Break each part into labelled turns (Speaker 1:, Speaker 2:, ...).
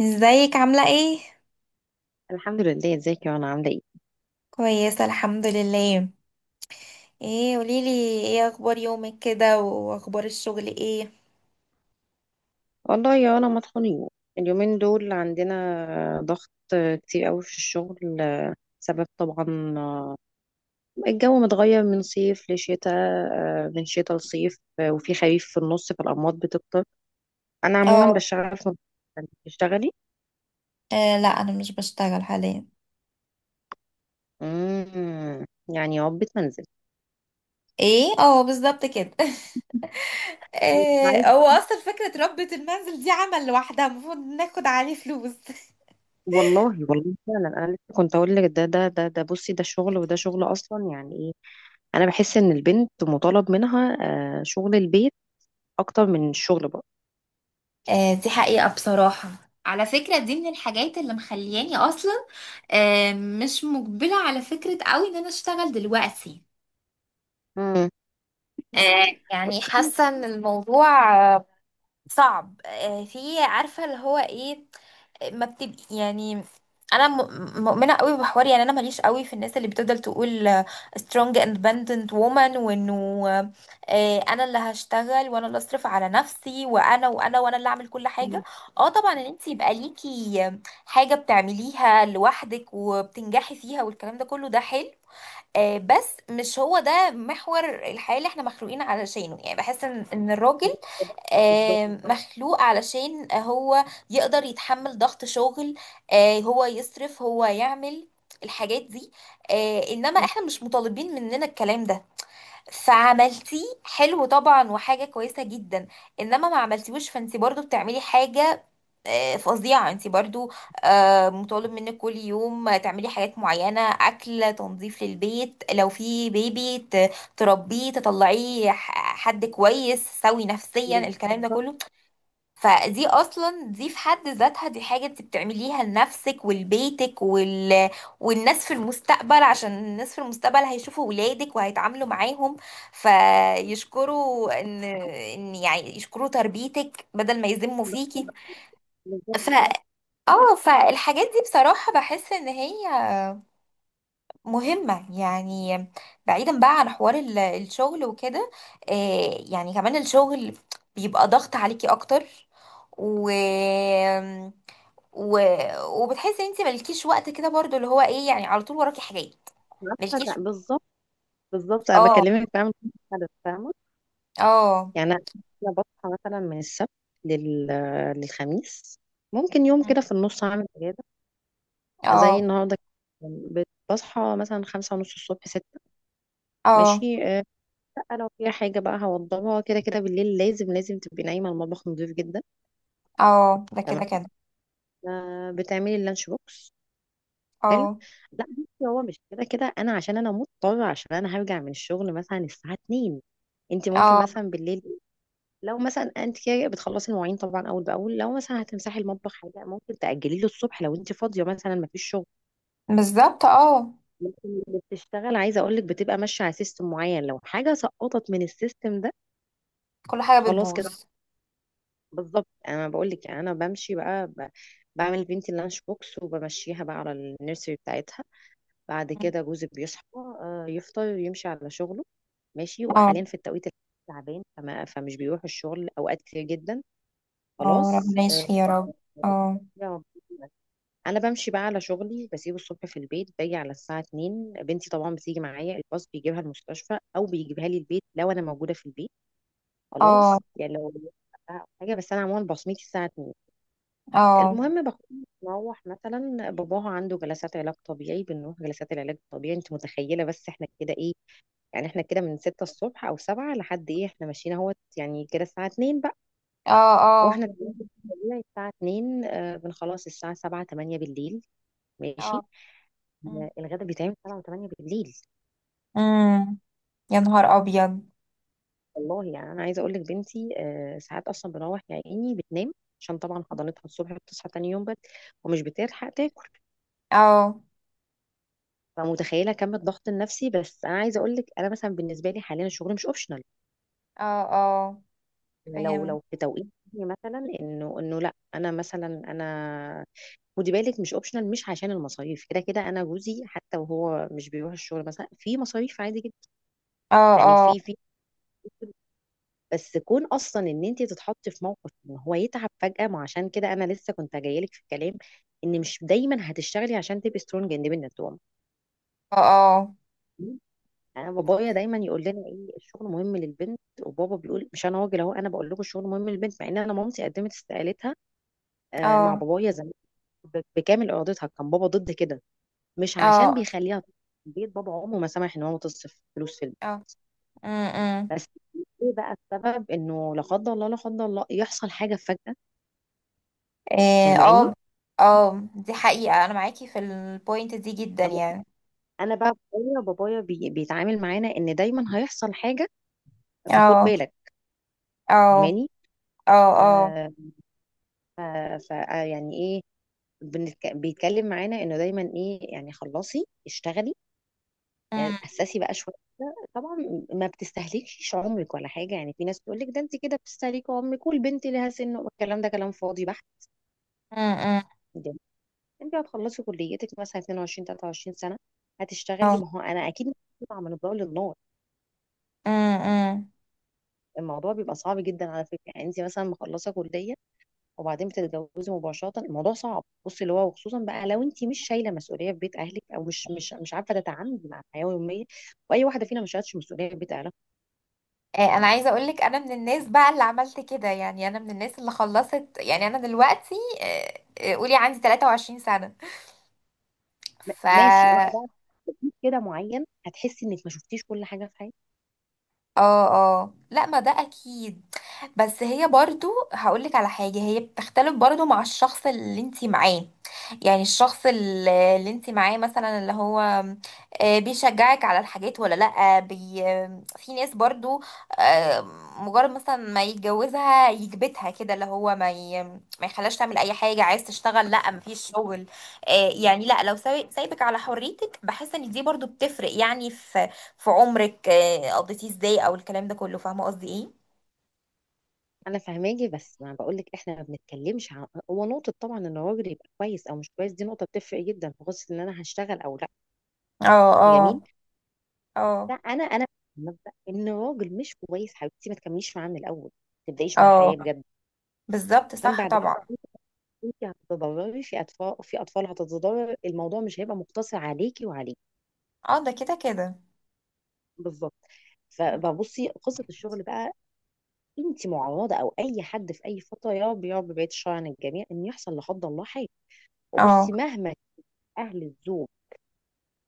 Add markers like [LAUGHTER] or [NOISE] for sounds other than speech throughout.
Speaker 1: ازيك عاملة ايه؟
Speaker 2: الحمد لله. ازيك؟ يا انا عامله ايه؟
Speaker 1: كويسة الحمد لله. ايه قوليلي. ايه اخبار يومك كده واخبار الشغل ايه؟
Speaker 2: والله يا انا مطحونين. اليومين دول عندنا ضغط كتير قوي في الشغل. سبب طبعا الجو متغير من صيف لشتاء، من شتاء لصيف، وفي خريف في النص، فالأمراض بتكتر. أنا عموما
Speaker 1: اه.
Speaker 2: بشتغل في... انت بتشتغلي؟
Speaker 1: لا انا مش بشتغل حاليا.
Speaker 2: امم يعني عقبة منزل.
Speaker 1: ايه؟ اه، بالظبط كده. [LAUGHS]
Speaker 2: ساعات
Speaker 1: هو اصلا فكرة ربة المنزل دي عمل لوحدها المفروض ناخد عليه فلوس. [LAUGHS]
Speaker 2: والله. والله فعلا انا لسه كنت اقول لك، ده بصي، ده شغل وده شغل اصلا، يعني ايه؟ انا بحس ان البنت مطالب منها شغل البيت اكتر من الشغل برضه.
Speaker 1: دي حقيقة بصراحة. على فكرة دي من الحاجات اللي مخلياني أصلا مش مقبلة على فكرة قوي إن أنا أشتغل دلوقتي.
Speaker 2: امم.
Speaker 1: يعني حاسة إن الموضوع صعب، في، عارفه اللي هو ايه. ما بتبقي يعني انا مؤمنه قوي بحوار. يعني انا ماليش قوي في الناس اللي بتفضل تقول strong independent woman، وانه انا اللي هشتغل وانا اللي اصرف على نفسي وانا اللي اعمل كل حاجه. اه طبعا ان انت يبقى ليكي حاجه بتعمليها لوحدك وبتنجحي فيها، والكلام ده كله ده حلو، بس مش هو ده محور الحياه اللي احنا مخلوقين علشانه. يعني بحس إن الراجل
Speaker 2: بالظبط.
Speaker 1: مخلوق علشان هو يقدر يتحمل ضغط شغل، هو يصرف هو يعمل الحاجات دي. انما احنا مش مطالبين مننا الكلام ده، فعملتيه حلو طبعا وحاجة كويسة جدا، انما ما عملتيهوش فانت برضو بتعملي حاجة فظيعة. انت برضو مطالب منك كل يوم تعملي حاجات معينة، اكل، تنظيف للبيت، لو في بيبي تربيه تطلعيه حد كويس سوي نفسيا، الكلام ده
Speaker 2: بالظبط.
Speaker 1: كله. فدي اصلا دي في حد ذاتها دي حاجة انت بتعمليها لنفسك ولبيتك والناس في المستقبل. عشان الناس في المستقبل هيشوفوا ولادك وهيتعاملوا معاهم فيشكروا ان يعني يشكروا تربيتك بدل ما يذموا فيكي. ف
Speaker 2: بالظبط،
Speaker 1: اه فالحاجات دي بصراحة بحس ان هي مهمة يعني. بعيدا بقى عن حوار الشغل وكده، يعني كمان الشغل بيبقى ضغط عليكي اكتر، و و... وبتحسي ان انت مالكيش وقت كده برضو اللي هو ايه يعني. على طول وراكي حاجات
Speaker 2: عارفة.
Speaker 1: مالكيش.
Speaker 2: بالظبط. بالظبط، انا
Speaker 1: اه.
Speaker 2: بكلمك فاهمة الهدف، فاهمة.
Speaker 1: اه.
Speaker 2: يعني انا... أنا بصحى مثلا من السبت لل... للخميس. ممكن يوم كده في النص اعمل اجازة زي
Speaker 1: اه.
Speaker 2: النهارده كده. بصحى مثلا 5:30 الصبح، ستة،
Speaker 1: اه.
Speaker 2: ماشي. لا لو في حاجة بقى هوضبها كده كده بالليل. لازم لازم تبقي نايمة، المطبخ نضيف جدا،
Speaker 1: اه، ده كده
Speaker 2: تمام.
Speaker 1: كده.
Speaker 2: بتعملي اللانش بوكس. حلو.
Speaker 1: اه.
Speaker 2: لا بصي، هو مش كده كده، انا عشان انا مضطره، عشان انا هرجع من الشغل مثلا الساعه 2. انت ممكن
Speaker 1: اه،
Speaker 2: مثلا بالليل، لو مثلا انت كده بتخلصي المواعين طبعا اول باول، لو مثلا هتمسحي المطبخ، حاجه ممكن تاجلي له الصبح لو انت فاضيه مثلا ما فيش شغل.
Speaker 1: بالظبط. اه.
Speaker 2: لكن اللي بتشتغل، عايزه اقول لك، بتبقى ماشيه على سيستم معين. لو حاجه سقطت من السيستم ده
Speaker 1: كل حاجة
Speaker 2: خلاص كده.
Speaker 1: بتبوظ.
Speaker 2: بالظبط، انا بقول لك. يعني انا بمشي بقى بعمل بنتي اللانش بوكس، وبمشيها بقى على النيرسري بتاعتها. بعد كده جوزي بيصحى، يفطر، يمشي على شغله ماشي.
Speaker 1: اه.
Speaker 2: وحاليا في التوقيت الحالي تعبان، فمش بيروح الشغل اوقات كتير جدا.
Speaker 1: اه،
Speaker 2: خلاص.
Speaker 1: ربنا يشفي يا رب. اه.
Speaker 2: يا رب. انا بمشي بقى على شغلي، بسيبه الصبح في البيت، باجي على الساعه 2. بنتي طبعا بتيجي معايا، الباص بيجيبها المستشفى او بيجيبها لي البيت لو انا موجوده في البيت.
Speaker 1: اه.
Speaker 2: خلاص يعني لو حاجه. بس انا عموما بصمتي الساعه 2.
Speaker 1: اه.
Speaker 2: المهم بكون بروح مثلا، باباها عنده جلسات علاج طبيعي، بنروح جلسات العلاج الطبيعي. انت متخيله بس احنا كده ايه؟ يعني احنا كده من ستة الصبح او سبعة لحد ايه، احنا ماشيين اهوت يعني كده الساعة 2 بقى.
Speaker 1: اه. اه.
Speaker 2: واحنا طبيعي الساعة 2 بنخلص الساعة 7 8 بالليل
Speaker 1: اه.
Speaker 2: ماشي.
Speaker 1: مم.
Speaker 2: الغدا بيتعمل 7 و8 بالليل.
Speaker 1: مم. يا نهار ابيض.
Speaker 2: والله يعني انا عايزة اقول لك، بنتي ساعات اصلا بنروح يا عيني بتنام. عشان طبعا حضانتها الصبح بتصحى تاني يوم بدري، ومش بتلحق تاكل.
Speaker 1: اه.
Speaker 2: فمتخيله كم الضغط النفسي. بس انا عايزه اقول لك، انا مثلا بالنسبه لي حاليا الشغل مش اوبشنال.
Speaker 1: اه. اه،
Speaker 2: لو
Speaker 1: فهم.
Speaker 2: لو في توقيت مثلا انه لا، انا مثلا انا خدي بالك مش اوبشنال، مش عشان المصاريف. كده كده انا جوزي حتى وهو مش بيروح الشغل مثلا، في مصاريف عادي جدا
Speaker 1: اه.
Speaker 2: يعني.
Speaker 1: اه.
Speaker 2: في بس كون اصلا ان انت تتحطي في موقف ان هو يتعب فجأة. ما عشان كده انا لسه كنت جايلك في الكلام، ان مش دايما هتشتغلي عشان تبقي سترونج اندبندنت وومن.
Speaker 1: اه.
Speaker 2: انا بابايا دايما يقول لنا، ايه الشغل مهم للبنت. وبابا بيقول، مش انا راجل اهو انا بقول لكم الشغل مهم للبنت، مع ان انا مامتي قدمت استقالتها،
Speaker 1: اه.
Speaker 2: مع
Speaker 1: اه.
Speaker 2: بابايا زمان، بكامل ارادتها. كان بابا ضد كده، مش عشان
Speaker 1: اه.
Speaker 2: بيخليها تصرف في البيت، بابا عمره ما سمح ان هو تصرف فلوس في البيت.
Speaker 1: اه. مم، مم.
Speaker 2: بس ايه بقى السبب؟ انه لا قدر الله لا قدر الله يحصل حاجه فجأة.
Speaker 1: اه.
Speaker 2: فاهماني؟
Speaker 1: اه. دي حقيقة، انا معاكي في البوينت دي جدا
Speaker 2: أو-
Speaker 1: يعني.
Speaker 2: انا بقى بابايا بيتعامل معانا ان دايما هيحصل حاجه، فخد
Speaker 1: اه.
Speaker 2: بالك.
Speaker 1: اه.
Speaker 2: فاهماني؟
Speaker 1: اه. اه.
Speaker 2: آه ف يعني ايه؟ بيتكلم معانا انه دايما ايه؟ يعني خلصي اشتغلي،
Speaker 1: أمم.
Speaker 2: اسسي بقى شويه كده. طبعا ما بتستهلكيش عمرك ولا حاجه، يعني في ناس تقول لك، ده انت كده بتستهلكي عمرك والبنت لها سن. الكلام ده كلام فاضي بحت.
Speaker 1: أمم. أمم.
Speaker 2: جميل. انت هتخلصي كليتك مثلا 22 23 سنه، هتشتغلي.
Speaker 1: اه.
Speaker 2: ما هو انا اكيد بطلع من الضوء للنار.
Speaker 1: أمم. أمم.
Speaker 2: الموضوع بيبقى صعب جدا على فكره، يعني انت مثلا مخلصه كليه وبعدين بتتجوزي مباشره، الموضوع صعب، بصي اللي هو، وخصوصا بقى لو انت مش شايله مسؤوليه في بيت اهلك، او مش عارفه تتعاملي مع الحياه اليوميه. واي واحده فينا ما شالتش مسؤوليه في بيت اهلها.
Speaker 1: انا عايزه اقول لك انا من الناس بقى اللي عملت كده. يعني انا من الناس اللي خلصت. يعني انا دلوقتي قولي عندي 23 سنه. ف
Speaker 2: ماشي، انت بقى في بيت كده معين هتحسي انك ما شفتيش كل حاجه في حياتك.
Speaker 1: اه، اه، لا، ما ده اكيد. بس هي برضو هقولك على حاجة، هي بتختلف برضو مع الشخص اللي انتي معاه. يعني الشخص اللي انتي معاه مثلا اللي هو بيشجعك على الحاجات ولا لا. في ناس برضو آه، مجرد مثلا ما يتجوزها يكبتها كده، اللي هو ما يخلاش تعمل اي حاجة. عايز تشتغل، لا مفيش شغل. يعني لا، لو سايبك على حريتك. بحس ان دي برضو بتفرق، يعني في عمرك قضيتيه ازاي او الكلام ده كله. فاهمه قصدي ايه.
Speaker 2: انا فاهماكي، بس ما بقول لك، احنا ما بنتكلمش عن، هو نقطه طبعا ان الراجل يبقى كويس او مش كويس دي نقطه بتفرق جدا في قصه ان انا هشتغل او لا،
Speaker 1: اه. اه.
Speaker 2: جميل. لا
Speaker 1: اه.
Speaker 2: انا مبدا ان الراجل مش كويس حبيبتي، ما تكمليش معاه من الاول، ما تبدايش معاه
Speaker 1: اه
Speaker 2: حياه بجد.
Speaker 1: بالظبط،
Speaker 2: عشان
Speaker 1: صح
Speaker 2: بعد
Speaker 1: طبعا.
Speaker 2: كده انت هتتضرري، في اطفال، في اطفال هتتضرر، الموضوع مش هيبقى مقتصر عليكي وعليه.
Speaker 1: اه، ده كده كده.
Speaker 2: بالظبط. فبصي، قصه الشغل بقى، انت معرضه او اي حد في اي فتره، يا رب يا رب بعيد الشر عن الجميع، ان يحصل لا قدر الله حاجه. وبصي،
Speaker 1: اه.
Speaker 2: مهما اهل الزوج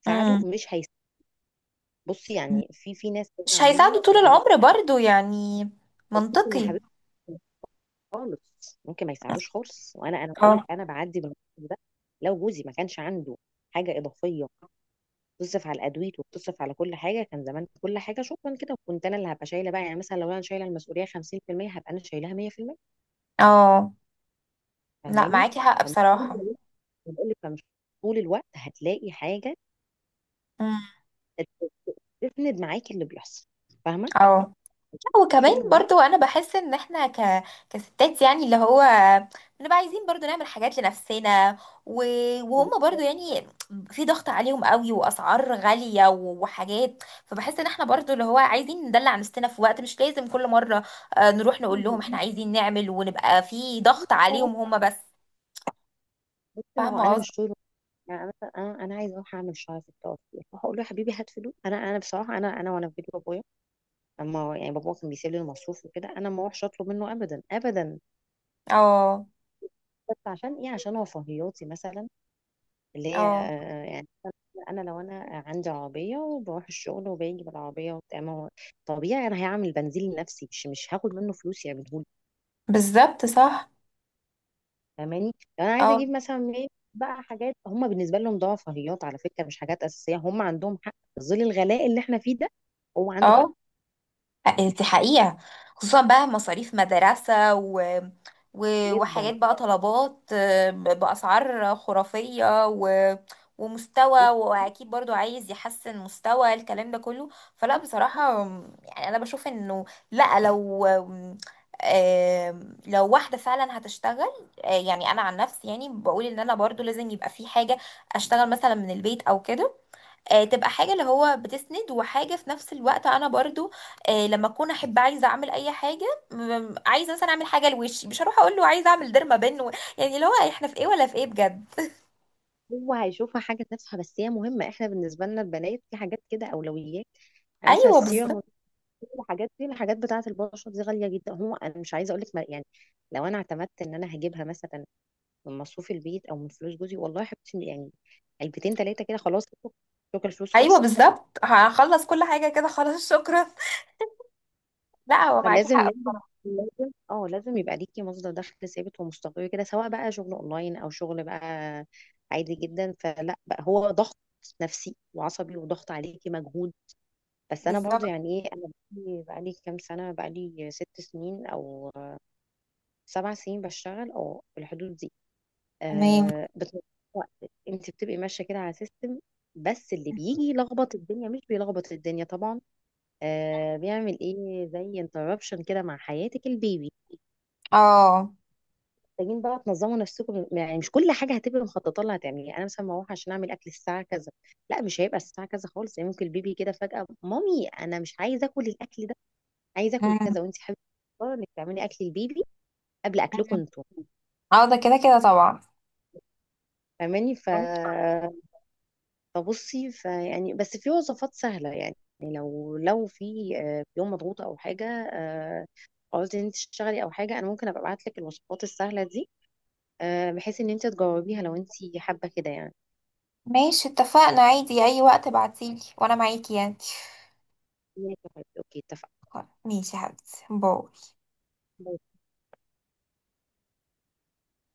Speaker 2: ساعده،
Speaker 1: امم.
Speaker 2: مش هيس... بصي يعني في ناس كده
Speaker 1: مش
Speaker 2: عموما.
Speaker 1: هيساعده طول
Speaker 2: لو انا
Speaker 1: العمر برضو يعني.
Speaker 2: ممكن يا
Speaker 1: منطقي.
Speaker 2: حبيبتي خالص، ممكن ما يساعدوش خالص. وانا، انا بقول لك،
Speaker 1: اه.
Speaker 2: انا بعدي من الموقف ده. لو جوزي ما كانش عنده حاجه اضافيه تصرف على الادوية وتصرف على كل حاجه، كان زمان كل حاجه شكرا كده، وكنت انا اللي هبقى شايله بقى. يعني مثلا لو انا شايله المسؤوليه 50%، هبقى انا شايلها 100%.
Speaker 1: اه. لا،
Speaker 2: فاهماني؟
Speaker 1: معاكي حق بصراحة.
Speaker 2: فمش- بقول لك، فمش طول الوقت هتلاقي حاجه
Speaker 1: امم.
Speaker 2: تسند معاكي اللي بيحصل. فاهمه.
Speaker 1: اه. وكمان
Speaker 2: الشغل مهم.
Speaker 1: برضو انا بحس ان احنا كستات، يعني اللي هو بنبقى عايزين برضو نعمل حاجات لنفسنا، و... وهم
Speaker 2: بس
Speaker 1: برضو يعني في ضغط عليهم قوي، واسعار غالية، وحاجات. فبحس ان احنا برضو اللي هو عايزين ندلع نفسنا في وقت، مش لازم كل مرة نروح نقول لهم احنا
Speaker 2: ما
Speaker 1: عايزين نعمل ونبقى في ضغط
Speaker 2: هو
Speaker 1: عليهم هم بس.
Speaker 2: بس ما هو
Speaker 1: فاهمة
Speaker 2: انا
Speaker 1: قصدي.
Speaker 2: مش طول، يعني مثلا انا عايزه اروح اعمل شعري في التوفيق، فهقول له يا حبيبي هات فلوس. انا بصراحه، انا وانا في بيت بابايا، اما يعني، بابا كان بيسيب لي المصروف وكده، انا ما اروحش اطلب منه ابدا ابدا.
Speaker 1: اه.
Speaker 2: بس عشان ايه؟ عشان رفاهياتي مثلا، اللي هي
Speaker 1: اه،
Speaker 2: يعني، انا لو انا عندي عربيه وبروح الشغل وباجي بالعربيه وبتاع، ما هو طبيعي انا هعمل بنزين لنفسي، مش هاخد منه فلوس يعملهولي.
Speaker 1: بالظبط صح.
Speaker 2: فاهماني؟ لو انا عايزه
Speaker 1: اه.
Speaker 2: اجيب مثلا ايه بقى حاجات، هم بالنسبه لهم ده رفاهيات على فكره مش حاجات اساسيه، هم عندهم حق في ظل الغلاء اللي احنا فيه ده. هو عنده حق
Speaker 1: اه، دي حقيقة. خصوصا بقى مصاريف مدرسة
Speaker 2: جدا.
Speaker 1: وحاجات بقى، طلبات بأسعار خرافية، ومستوى.
Speaker 2: نفسي،
Speaker 1: وأكيد برضو عايز يحسن مستوى، الكلام ده كله. فلا بصراحة، يعني أنا بشوف إنه لا، لو واحدة فعلا هتشتغل، يعني أنا عن نفسي يعني بقول إن أنا برضو لازم يبقى في حاجة. أشتغل مثلا من البيت أو كده، تبقى حاجة اللي هو بتسند، وحاجة في نفس الوقت انا برضو لما اكون احب عايزة اعمل اي حاجة. عايزة مثلا اعمل حاجة لوشي، مش هروح اقول له عايزة اعمل ديرما بن يعني اللي هو احنا في ايه ولا في ايه بجد.
Speaker 2: هو هيشوفها حاجة تافهة بس هي مهمة. احنا بالنسبة لنا البنات في حاجات كده أولويات،
Speaker 1: [LAUGHS]
Speaker 2: يعني مثلا
Speaker 1: ايوه
Speaker 2: السيرم
Speaker 1: بالظبط.
Speaker 2: والكريم والحاجات دي، الحاجات بتاعة البشرة دي غالية جدا. هو أنا مش عايزة أقولك يعني، لو أنا اعتمدت إن أنا هجيبها مثلا من مصروف البيت أو من فلوس جوزي، والله يا حبيبتي يعني، علبتين تلاتة كده خلاص، شكرا الفلوس
Speaker 1: ايوه
Speaker 2: خلصت.
Speaker 1: بالظبط، هخلص كل حاجة كده، خلاص شكرا. [LAUGHS] لا، هو معاكي
Speaker 2: فلازم
Speaker 1: حق.
Speaker 2: لازم لازم لازم يبقى ليكي مصدر دخل ثابت ومستقر كده، سواء بقى شغل اونلاين او شغل بقى عادي جدا. فلا بقى، هو ضغط نفسي وعصبي وضغط عليكي مجهود. بس انا برضو
Speaker 1: بالظبط.
Speaker 2: يعني ايه، انا بقالي كام سنه، بقالي 6 سنين او 7 سنين بشتغل، او في الحدود دي.
Speaker 1: تمام.
Speaker 2: بتضيع وقت. انت بتبقي ماشيه كده على سيستم، بس اللي بيجي يلخبط الدنيا، مش بيلخبط الدنيا طبعا، بيعمل ايه زي انتربشن كده مع حياتك البيبي.
Speaker 1: اه.
Speaker 2: محتاجين بقى تنظموا نفسكم، يعني مش كل حاجه هتبقي مخططه لها هتعمليها، يعني انا مثلا بروح عشان اعمل اكل الساعه كذا، لا مش هيبقى الساعه كذا خالص، يعني ممكن البيبي كده فجاه، مامي انا مش عايز اكل الاكل ده، عايز اكل
Speaker 1: أمم.
Speaker 2: كذا، وانت حابه انك تعملي اكل البيبي قبل اكلكم
Speaker 1: أمم.
Speaker 2: انتوا.
Speaker 1: اه، ده كده كده طبعا.
Speaker 2: فاهماني؟ فبصي، فيعني، بس في وصفات سهله يعني. لو في يوم مضغوط او حاجه، آه، قلت ان انت تشتغلي او حاجه، انا ممكن ابقى ابعت لك الوصفات السهله دي، بحيث ان انت تجاوبيها لو انت حابه كده يعني.
Speaker 1: ماشي، اتفقنا، عادي اي وقت ابعتيلي وانا معاكي يعني.
Speaker 2: ماشي يا حبيبي اوكي اتفقنا.
Speaker 1: ماشي يا حبيبتي، باي.